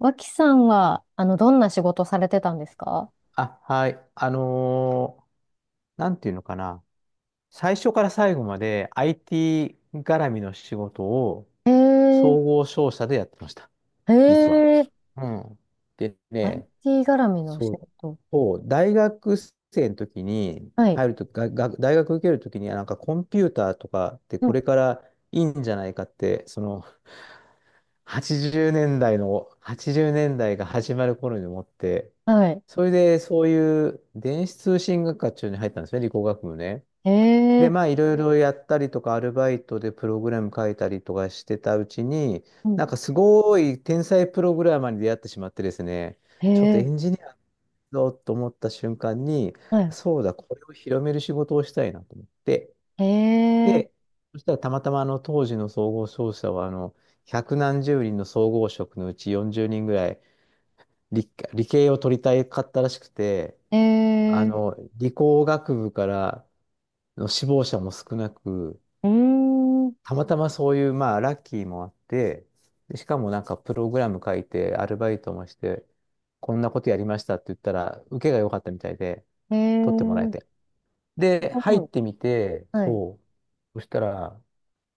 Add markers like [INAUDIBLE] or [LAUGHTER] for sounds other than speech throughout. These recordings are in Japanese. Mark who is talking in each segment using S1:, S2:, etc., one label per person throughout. S1: 脇さんは、どんな仕事されてたんですか？
S2: あ、はい。なんていうのかな。最初から最後まで IT 絡みの仕事を
S1: へえ。
S2: 総合商社でやってました。
S1: へ
S2: 実は。
S1: え。
S2: うん。でね、
S1: IT 絡みの仕
S2: そう、
S1: 事。
S2: そう、大学生の時に
S1: はい。
S2: 入ると、大学受ける時に、あなんかコンピューターとかって
S1: う
S2: こ
S1: ん。
S2: れからいいんじゃないかって、その80年代の、80年代が始まる頃に思って、
S1: はい。
S2: それでそういう電子通信学科中に入ったんですね、理工学部ね。
S1: へ
S2: で、
S1: え。
S2: まあいろいろやったりとか、アルバイトでプログラム書いたりとかしてたうちに、
S1: う
S2: なん
S1: ん。
S2: かすごい天才プログラマーに出会ってしまってですね、
S1: へ
S2: ちょっとエ
S1: え。
S2: ンジニアだと思った瞬間に、
S1: はい。
S2: そうだ、これを広める仕事をしたいなと思って、
S1: へえ。
S2: で、そしたらたまたまあの当時の総合商社はあの百何十人の総合職のうち40人ぐらい理系を取りたいかったらしくて、
S1: へ
S2: あ
S1: え。
S2: の理工学部からの志望者も少なく、
S1: うーん。
S2: たまたまそういうまあラッキーもあって、でしかもなんかプログラム書いてアルバイトもして、こんなことやりましたって言ったら受けが良かったみたいで
S1: へ
S2: 取ってもらえ
S1: え。
S2: て。
S1: す
S2: で、入っ
S1: ごい。
S2: てみて、
S1: はい。
S2: そう。そしたら、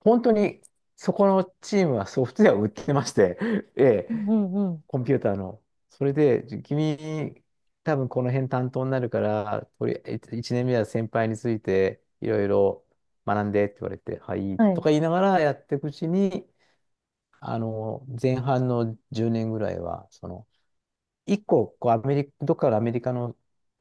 S2: 本当にそこのチームはソフトウェアを売ってまして、[LAUGHS] え
S1: うん、
S2: え、
S1: うん、うん。
S2: コンピューターの。それで、じ君、多分この辺担当になるから、とりあえず1年目は先輩についていろいろ学んでって言われて、はい、
S1: は
S2: と
S1: い。
S2: か言いながらやっていくうちに、あの、前半の10年ぐらいは、その、一個、こう、アメリカ、どっかのアメリカの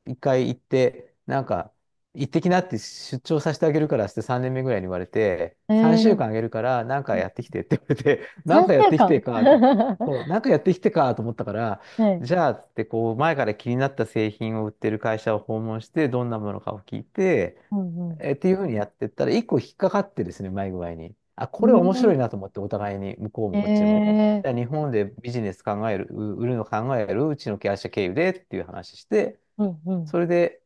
S2: 一回行って、なんか、行ってきなって出張させてあげるからって3年目ぐらいに言われて、
S1: へ
S2: 3週
S1: え。
S2: 間あげるから、なんかやってきてって言われて、[LAUGHS] なん
S1: 三
S2: かやっ
S1: 週
S2: てきて
S1: 間 [LAUGHS]
S2: か、と。
S1: は
S2: そう、なんかやってきてかと思ったから、
S1: い。
S2: じゃあ、つってこう、前から気になった製品を売ってる会社を訪問して、どんなものかを聞いて、
S1: うん、うん。
S2: っていうふうにやってったら、一個引っかかってですね、うまい具合に。あ、
S1: [LAUGHS]
S2: これ
S1: う
S2: 面白い
S1: ん。
S2: なと思って、お互いに、向こう
S1: へ
S2: もこっちも。
S1: え。
S2: や日本でビジネス考える、う売るの考える、うちの会社経由でっていう話して、
S1: うん、うん。
S2: それで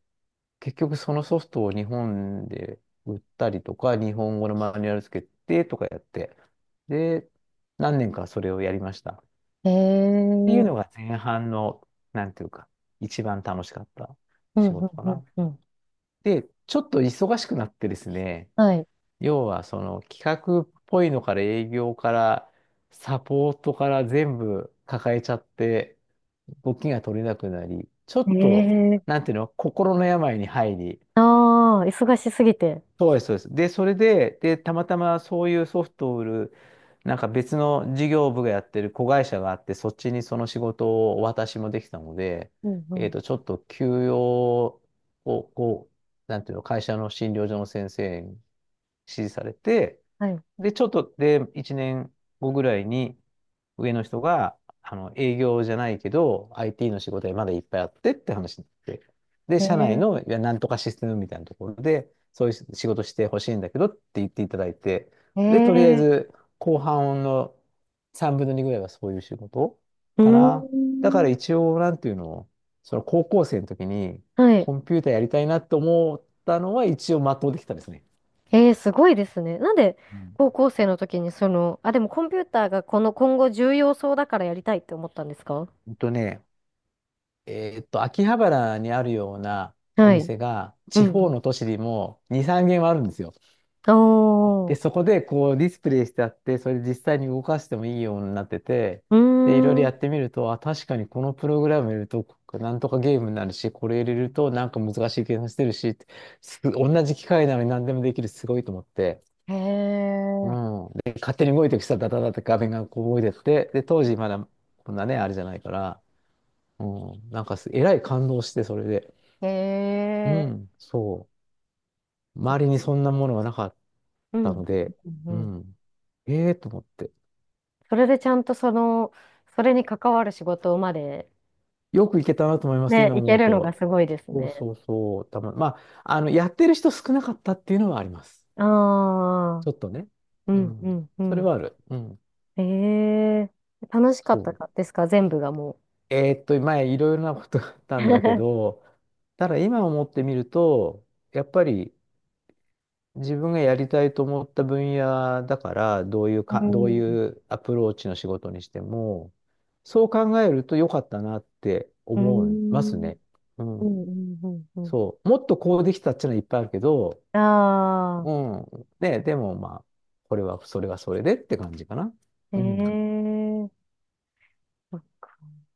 S2: 結局そのソフトを日本で売ったりとか、日本語のマニュアルつけてとかやって、で、何年かそれをやりました。っ
S1: へ
S2: ていう
S1: え。
S2: のが前半の、なんていうか、一番楽しかった
S1: うん、う
S2: 仕
S1: ん、
S2: 事か
S1: うん、
S2: な。
S1: うん。
S2: で、ちょっと忙しくなってですね、
S1: はい。
S2: 要はその企画っぽいのから営業からサポートから全部抱えちゃって動きが取れなくなり、ちょっと、
S1: ええ。
S2: なんていうの、心の病に入り、
S1: ああー、忙しすぎて。
S2: そうです、そうです。で、それで、たまたまそういうソフトを売る、なんか別の事業部がやってる子会社があって、そっちにその仕事をお渡しもできたので、
S1: うんう
S2: えっ
S1: ん。
S2: と、ちょっと休養を、こう、なんていうの、会社の診療所の先生指示されて、
S1: はい。
S2: で、ちょっとで、1年後ぐらいに上の人が、あの、営業じゃないけど、IT の仕事がまだいっぱいあってって話になって、で、社内
S1: え
S2: の、
S1: え。
S2: いや、なんとかシステムみたいなところで、そういう仕事してほしいんだけどって言っていただいて、で、とりあえ
S1: ええ。
S2: ず、後半の3分の2ぐらいはそういう仕事
S1: うー
S2: かな。だから
S1: ん。
S2: 一応、なんていうの、その高校生の時に、
S1: はい。
S2: コンピューターやりたいなと思ったのは、一応全うできたですね。
S1: ええ、すごいですね。なんで、
S2: うん
S1: 高校生の時にその、あ、でもコンピューターがこの今後重要そうだからやりたいって思ったんですか？
S2: うんとね、秋葉原にあるようなお
S1: はい。
S2: 店が、
S1: う
S2: 地方
S1: ん
S2: の都市にも2、3軒はあるんですよ。
S1: うん。お
S2: で、そ
S1: ー。
S2: こでこうディスプレイしてあって、それで実際に動かしてもいいようになってて、
S1: うー
S2: で、いろいろやっ
S1: ん。
S2: てみると、あ、確かにこのプログラム入れると、なんとかゲームになるし、これ入れるとなんか難しい計算してるしって、同じ機械なのに何でもできる、すごいと思って。
S1: へえ。
S2: うん。で、勝手に動いていく人はダダダって画面がこう動いてって、で、当時まだこんなね、あれじゃないから、うん、なんかす、えらい感動して、それで。
S1: へ
S2: う
S1: え。
S2: ん、そう。周りにそんなものがなかっ
S1: うん。
S2: たので、
S1: うんう
S2: う
S1: ん。
S2: ん。ええと思って。
S1: それでちゃんとその、それに関わる仕事まで、
S2: よく行けたなと思います、
S1: ね、
S2: 今
S1: い
S2: 思
S1: け
S2: う
S1: るのが
S2: と。
S1: すごいですね。
S2: そう、まあ、あの、やってる人少なかったっていうのはあります。
S1: ああ。
S2: ちょっとね。
S1: う
S2: う
S1: ん、う
S2: ん。
S1: ん、う
S2: それ
S1: ん。
S2: はある。うん。
S1: ええ、楽しかった
S2: そ
S1: か
S2: う。
S1: ですか、全部がもう。
S2: 前、いろいろなことがあったんだけ
S1: [LAUGHS]
S2: ど、ただ今思ってみると、やっぱり、自分がやりたいと思った分野だから、
S1: う
S2: どうい
S1: ん。
S2: うアプローチの仕事にしても、そう考えると良かったなって
S1: う
S2: 思います
S1: ん。うん、
S2: ね。う
S1: う
S2: ん。
S1: ん、うん。うん。
S2: そう。もっとこうできたっていうのはいっぱいあるけど、
S1: あ
S2: うん。ね、でもまあ、これは、それはそれでって感じかな。
S1: あ。
S2: うん。
S1: ええ。そっか。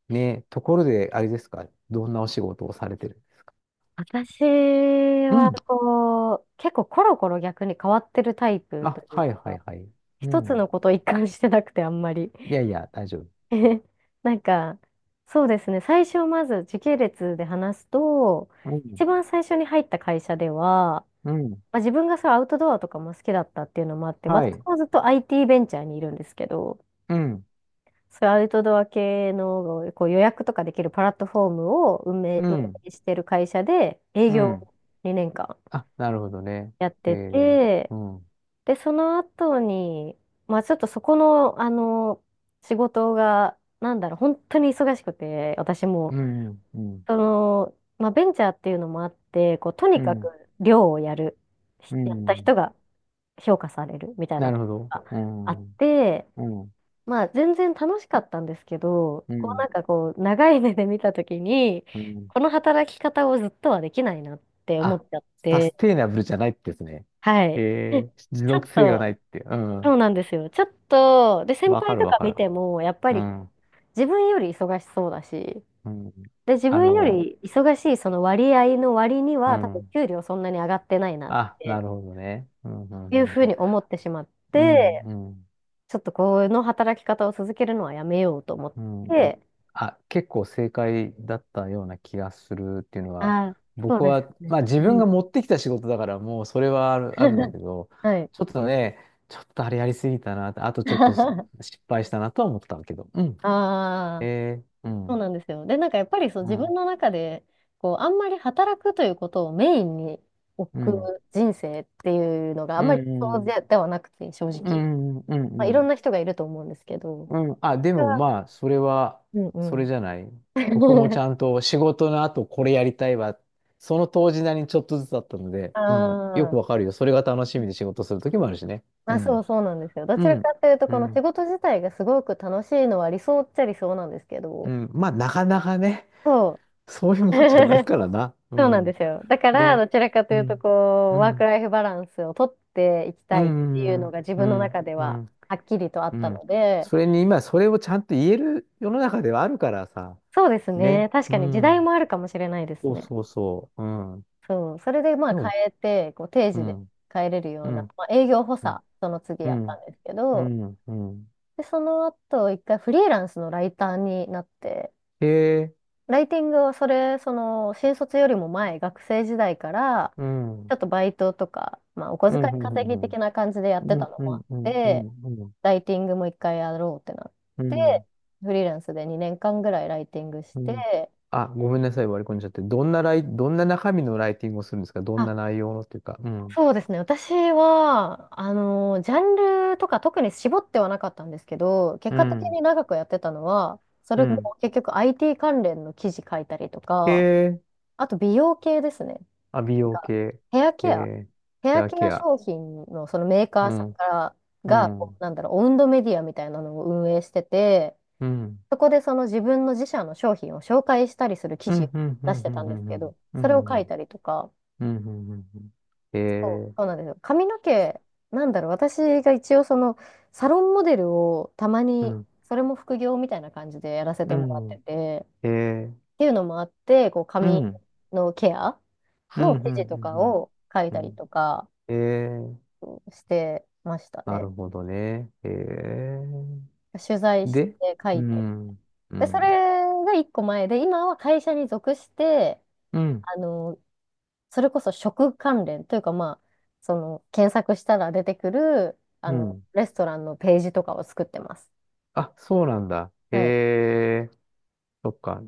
S2: ね、ところで、あれですか、どんなお仕事をされてるんですか？
S1: 私
S2: う
S1: は、
S2: ん。
S1: こう、結構コロコロ逆に変わってるタイプと
S2: あ、
S1: いう
S2: はいはい
S1: か、
S2: はい。う
S1: 一つの
S2: ん。
S1: ことを一貫してなくて、あんまり。
S2: いやいや、大丈夫。
S1: [LAUGHS] なんか、そうですね、最初まず時系列で話すと、
S2: う
S1: 一
S2: ん。
S1: 番最初に入った会社では、
S2: うん。
S1: まあ、自分がそうアウトドアとかも好きだったっていうのもあって、
S2: は
S1: 私
S2: い。
S1: もずっと IT ベンチャーにいるんですけど、
S2: うん。
S1: そういうアウトドア系のこう予約とかできるプラットフォームを運営、
S2: う
S1: 運
S2: ん。
S1: 営してる会社で営
S2: う
S1: 業
S2: ん。
S1: を2年
S2: あ、なるほどね。
S1: 間やっ
S2: え
S1: て
S2: ー、
S1: て、
S2: うん、
S1: で、その後に、まあちょっとそこの、仕事が、なんだろう、本当に忙しくて、私も、
S2: うん、うん、
S1: その、まあベンチャーっていうのもあって、こう、と
S2: う
S1: にかく
S2: ん、
S1: 量をやる、
S2: う
S1: やった人
S2: ん。
S1: が評価されるみたい
S2: な
S1: な
S2: る
S1: とこ
S2: ほど。
S1: ろが
S2: う
S1: あ
S2: ん、う
S1: っ
S2: ん、
S1: て、まあ全然楽しかったんですけど、
S2: う
S1: こう
S2: ん、
S1: なんかこう長い目で見たときに、
S2: うん。
S1: この働き方をずっとはできないなって思っ
S2: あ、
S1: ちゃっ
S2: サ
S1: て、
S2: ステイナブルじゃないってですね。
S1: はい。で、
S2: えー、持
S1: ちょっ
S2: 続性がな
S1: と、
S2: いって。う
S1: そう
S2: ん。
S1: なんですよ。ちょっと、で、先
S2: わか
S1: 輩
S2: る
S1: と
S2: わ
S1: か
S2: か
S1: 見
S2: る。
S1: ても、やっぱ
S2: う
S1: り
S2: ん、
S1: 自分より忙しそうだし、
S2: うん。
S1: で、自
S2: あ
S1: 分よ
S2: の、
S1: り忙しいその割合の割に
S2: う
S1: は、多分
S2: ん。
S1: 給料そんなに上がってないなっ
S2: あ、な
S1: て
S2: るほどね。うん、うん、う
S1: いうふ
S2: ん、
S1: う
S2: うん。
S1: に思ってしまっ
S2: うん、
S1: て、
S2: うん。
S1: ちょっとこの働き方を続けるのはやめようと思っ
S2: うん。
S1: て、
S2: あ、結構正解だったような気がするっていうのは、
S1: ああ、そう
S2: 僕
S1: で
S2: は、
S1: すね。
S2: まあ自
S1: う
S2: 分
S1: ん。
S2: が持ってきた仕事だからもうそれはある、あるんだ
S1: [LAUGHS]
S2: けど、
S1: はい。
S2: ちょっとね、ちょっとあれやりすぎたな、あとちょっと
S1: [LAUGHS]
S2: 失敗したなとは思ったけど、うん。
S1: ああ、
S2: えー、う
S1: そう
S2: ん、
S1: なんですよ。で、なんかやっぱりそう
S2: う
S1: 自分
S2: ん、
S1: の中で、こう、あんまり働くということをメインに置
S2: う
S1: く
S2: ん、
S1: 人生っていうのがあ
S2: う
S1: んまりそう
S2: ん、
S1: でではなくて、正
S2: う
S1: 直。
S2: ん、うん、うん、う
S1: まあ、い
S2: ん、う
S1: ろん
S2: ん。
S1: な人がいると思うんですけど。
S2: うん。あ、で
S1: 私
S2: も
S1: は
S2: まあ、それは、
S1: うんう
S2: それ
S1: ん。
S2: じゃない。僕もち
S1: [LAUGHS]
S2: ゃんと仕事の後これやりたいわ。その当時なりにちょっとずつだったので、うん。よ
S1: あ
S2: くわ
S1: あ。
S2: かるよ。それが楽しみで仕事する時もあるしね。う
S1: あ、そ
S2: ん。
S1: うそうなんですよ。ど
S2: う
S1: ちら
S2: ん。
S1: かというと、
S2: う
S1: この仕
S2: ん。
S1: 事自体がすごく楽しいのは理想っちゃ理想なんですけ
S2: う
S1: ど、
S2: ん。まあ、なかなかね、
S1: そう。
S2: そういうもんじゃない
S1: [LAUGHS]
S2: からな。う
S1: そうなんで
S2: ん。
S1: すよ。だから、ど
S2: で、
S1: ちらかと
S2: う
S1: いうと、
S2: ん。
S1: こ
S2: う
S1: う、ワーク
S2: ん。
S1: ライフバランスをとっていき
S2: う
S1: たいっていうの
S2: ん。
S1: が自
S2: う
S1: 分の
S2: ん。
S1: 中で
S2: う
S1: は
S2: ん。
S1: はっきりとあ
S2: う
S1: った
S2: ん。
S1: ので、
S2: それに今、それをちゃんと言える世の中ではあるからさ。
S1: そうですね。
S2: ね。
S1: 確
S2: う
S1: かに時代
S2: ん。
S1: もあるかもしれないです
S2: そう
S1: ね。
S2: そうそう。うん。
S1: そう。それで、まあ、
S2: で
S1: 変
S2: も
S1: えて、こう、定
S2: う
S1: 時で
S2: ん、
S1: 帰れる
S2: う
S1: ような、
S2: ん、
S1: まあ、営業補
S2: うん、
S1: 佐、その次
S2: う
S1: やった
S2: ん、
S1: んですけ
S2: う
S1: ど、
S2: ん、うん。
S1: で、その後、一回フリーランスのライターになって、
S2: へえ、
S1: ライティングはそれ、その、新卒よりも前、学生時代から、
S2: うん、う
S1: ち
S2: ん、
S1: ょっとバイトとか、まあ、お小
S2: うん、う
S1: 遣い
S2: ん、う
S1: 稼ぎ的
S2: ん、
S1: な感じでやっ
S2: う
S1: て
S2: ん、
S1: たの
S2: う
S1: もあっ
S2: ん、う
S1: て、
S2: ん、うん、
S1: ライティングも一回やろうってなっ
S2: う
S1: て、
S2: ん。
S1: フリーランスで2年間ぐらいライティングし
S2: うん
S1: て、
S2: あ、ごめんなさい、割り込んじゃって。どんな中身のライティングをするんですか？どん
S1: あ、
S2: な内容のっていうか。うん、
S1: そうですね。私は、ジャンルとか特に絞ってはなかったんですけど、結
S2: う
S1: 果的
S2: ん、
S1: に長くやってたのは、そ
S2: う
S1: れ
S2: ん。
S1: も結局 IT 関連の記事書いたりと
S2: へ
S1: か、
S2: え、
S1: あと美容系ですね。
S2: あ、美
S1: なん
S2: 容
S1: か
S2: 系。
S1: ヘア
S2: へ
S1: ケア、
S2: え、
S1: ヘ
S2: ヘ
S1: ア
S2: ア
S1: ケア
S2: ケア。
S1: 商品のそのメーカー
S2: う
S1: さん
S2: ん、
S1: から
S2: う
S1: が、
S2: ん、う
S1: こう
S2: ん、
S1: なんだろう、オウンドメディアみたいなのを運営してて、
S2: うん、
S1: そこでその自分の自社の商品を紹介したりする記
S2: う
S1: 事
S2: ん、
S1: を
S2: うん、う
S1: 出
S2: ん、
S1: し
S2: う
S1: てたんです
S2: ん、う
S1: け
S2: ん、
S1: ど、
S2: う
S1: それを
S2: ん、う
S1: 書い
S2: ん、
S1: たりとか、
S2: うん、うん、うん。へ
S1: そう
S2: え、
S1: そうなんですよ。髪の毛、なんだろう、私が一応そのサロンモデルをたま
S2: う
S1: に、
S2: ん、
S1: それも副業みたいな感じでやらせ
S2: う
S1: てもらって
S2: ん、
S1: て、
S2: へえ、
S1: っていうのもあって、こう
S2: う
S1: 髪
S2: ん。
S1: のケア
S2: う
S1: の
S2: ん、うん、う
S1: 記事とか
S2: ん、
S1: を書い
S2: うん。う
S1: たり
S2: ん
S1: とか、
S2: えー、
S1: してました
S2: なる
S1: ね。
S2: ほどね。えー、
S1: 取材し
S2: で、
S1: て書
S2: う
S1: いて。
S2: ん、う
S1: で、それ
S2: ん、
S1: が一個前で、今は会社に属して、
S2: うん、
S1: あの、それこそ食関連というか、まあ、その、検索したら出てくる、あ
S2: う
S1: の、
S2: ん。
S1: レストランのページとかを作ってます。
S2: あ、そうなんだ。
S1: はい。
S2: えー、そっか。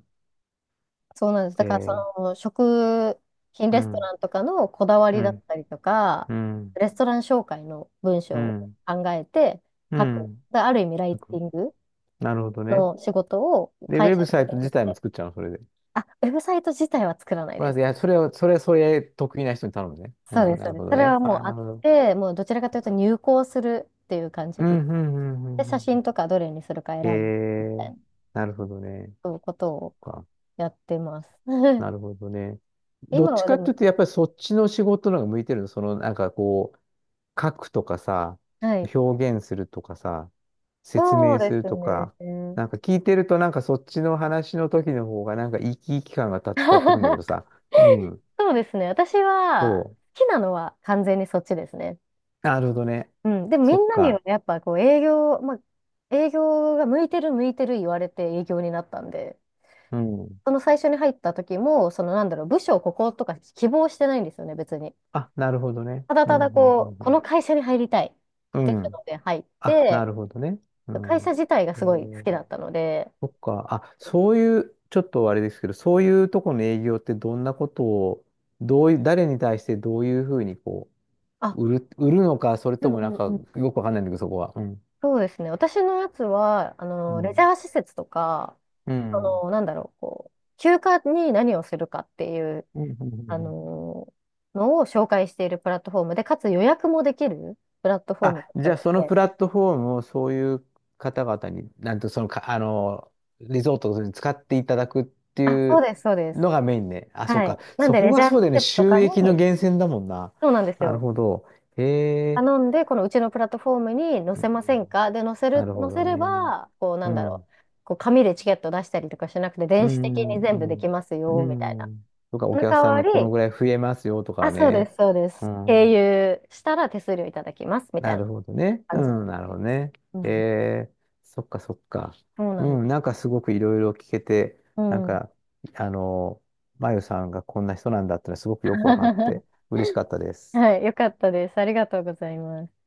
S1: そうなんです。だ
S2: え
S1: から、そ
S2: ー、
S1: の、食品
S2: う
S1: レスト
S2: ん、
S1: ランとかのこだわ
S2: う
S1: りだっ
S2: ん、
S1: たりとか、
S2: うん、
S1: レストラン紹介の文
S2: う
S1: 章を
S2: ん、
S1: 考えて
S2: う
S1: 書く。
S2: ん。
S1: である意味、ライ
S2: なん
S1: テ
S2: か
S1: ィング
S2: なるほどね。
S1: の仕事を
S2: で、ウ
S1: 会社
S2: ェ
S1: に
S2: ブサイト
S1: 属
S2: 自
S1: し
S2: 体も
S1: て
S2: 作っちゃうの、それで。
S1: あ、ウェブサイト自体は作らない
S2: まあ、
S1: で
S2: い
S1: す。
S2: や、それを、それ、それ、得意な人に頼むね。う
S1: そう
S2: ん、
S1: です、
S2: な
S1: そう
S2: る
S1: で
S2: ほ
S1: す。
S2: ど
S1: それは
S2: ね。
S1: もう
S2: あ、
S1: あ
S2: なる
S1: っ
S2: ほど。
S1: て、もうどちらかというと入稿するっていう感
S2: う
S1: じです。
S2: ん、うん、うん、
S1: で、
S2: う
S1: 写
S2: ん。う
S1: 真
S2: ん
S1: とかどれにするか選
S2: え
S1: んでみたい
S2: ー、
S1: な、
S2: なるほどね。
S1: そういうことをやってます。[LAUGHS]
S2: なるほどね。どっ
S1: 今
S2: ち
S1: は
S2: か
S1: で
S2: って
S1: も、
S2: いうと、やっぱりそっちの仕事の方が向いてるの。その、なんかこう、書くとかさ、
S1: はい。
S2: 表現するとかさ、説
S1: そう
S2: 明
S1: で
S2: する
S1: す
S2: とか、
S1: ね。
S2: なんか聞いてると、なんかそっちの話の時の方が、なんか生き生き感が伝わってくるんだけど
S1: [LAUGHS]
S2: さ。うん。
S1: そうですね。私は
S2: そ
S1: 好きなのは完全にそっちですね。
S2: う。なるほどね。
S1: うん。でもみ
S2: そっ
S1: んなには
S2: か。
S1: やっぱこう営業、まあ、営業が向いてる向いてる言われて営業になったんで、
S2: うん。
S1: その最初に入った時も、そのなんだろう、部署をこことか希望してないんですよね、別に。
S2: あ、なるほどね。
S1: ただ
S2: う
S1: た
S2: ん、
S1: だ
S2: うん、う
S1: こう、この
S2: ん、
S1: 会社に入りたいっ
S2: う
S1: てい
S2: ん。う
S1: う
S2: ん。
S1: ので入っ
S2: あ、な
S1: て、
S2: るほどね。う
S1: 会社
S2: ん。
S1: 自体が
S2: え
S1: すごい好
S2: ー
S1: きだったので、
S2: そっか。あ、そういう、ちょっとあれですけど、そういうとこの営業ってどんなことを、どういう、誰に対してどういうふうにこ
S1: あ、
S2: う、売るのか、それ
S1: う
S2: と
S1: ん
S2: もな
S1: う
S2: ん
S1: んう
S2: か、
S1: ん。
S2: よくわかんないんだけど、そこは。うん。
S1: そうですね。私のやつは、
S2: う
S1: レジ
S2: ん。
S1: ャー施設とか、
S2: う
S1: あ
S2: ん。
S1: の、なんだろう、こう、休暇に何をするかっていう、
S2: うんうんうんう
S1: あ
S2: ん
S1: の、のを紹介しているプラットフォームで、かつ予約もできるプラットフォーム
S2: あ、じ
S1: だっ
S2: ゃあ
S1: たの
S2: そのプ
S1: で、
S2: ラットフォームをそういう方々に、なんとそのか、あの、リゾートに使っていただくって
S1: あ、
S2: い
S1: そう
S2: う
S1: です、そうです。
S2: のがメインね。あ、そう
S1: は
S2: か。
S1: い。なん
S2: そ
S1: で、
S2: こ
S1: レジ
S2: が
S1: ャー
S2: そ
S1: 施
S2: うだよね。
S1: 設と
S2: 収
S1: か
S2: 益の
S1: に、
S2: 源泉だもんな。
S1: そうなんです
S2: なる
S1: よ。
S2: ほど。へえ。
S1: 頼んで、このうちのプラットフォームに載
S2: う
S1: せ
S2: ん
S1: ませんかで、載せ
S2: な
S1: る、
S2: るほ
S1: 載
S2: ど
S1: せ
S2: ね。
S1: れば、こう、な
S2: う
S1: んだろ
S2: ん。
S1: う。こう、紙でチケット出したりとかしなくて、
S2: う
S1: 電子的
S2: ん。
S1: に
S2: う
S1: 全部で
S2: ん。
S1: きます
S2: う
S1: よ、みたいな。
S2: ん。とか、お
S1: その
S2: 客
S1: 代
S2: さん
S1: わ
S2: がこの
S1: り、
S2: ぐらい増えますよと
S1: あ、
S2: か
S1: そうで
S2: ね。
S1: す、そうで
S2: う
S1: す。経
S2: ん。
S1: 由したら手数料いただきます、みた
S2: な
S1: いな
S2: るほどね。う
S1: 感じ。
S2: ん。なるほどね。
S1: うん。
S2: えー、そっかそっか。
S1: そう
S2: う
S1: なんです。
S2: ん。なんかすごくいろいろ聞けて、
S1: う
S2: なん
S1: ん。
S2: か、あの、まゆさんがこんな人なんだってのはすごくよくわかって、
S1: [LAUGHS]
S2: 嬉しかったです。
S1: はい、よかったです。ありがとうございます。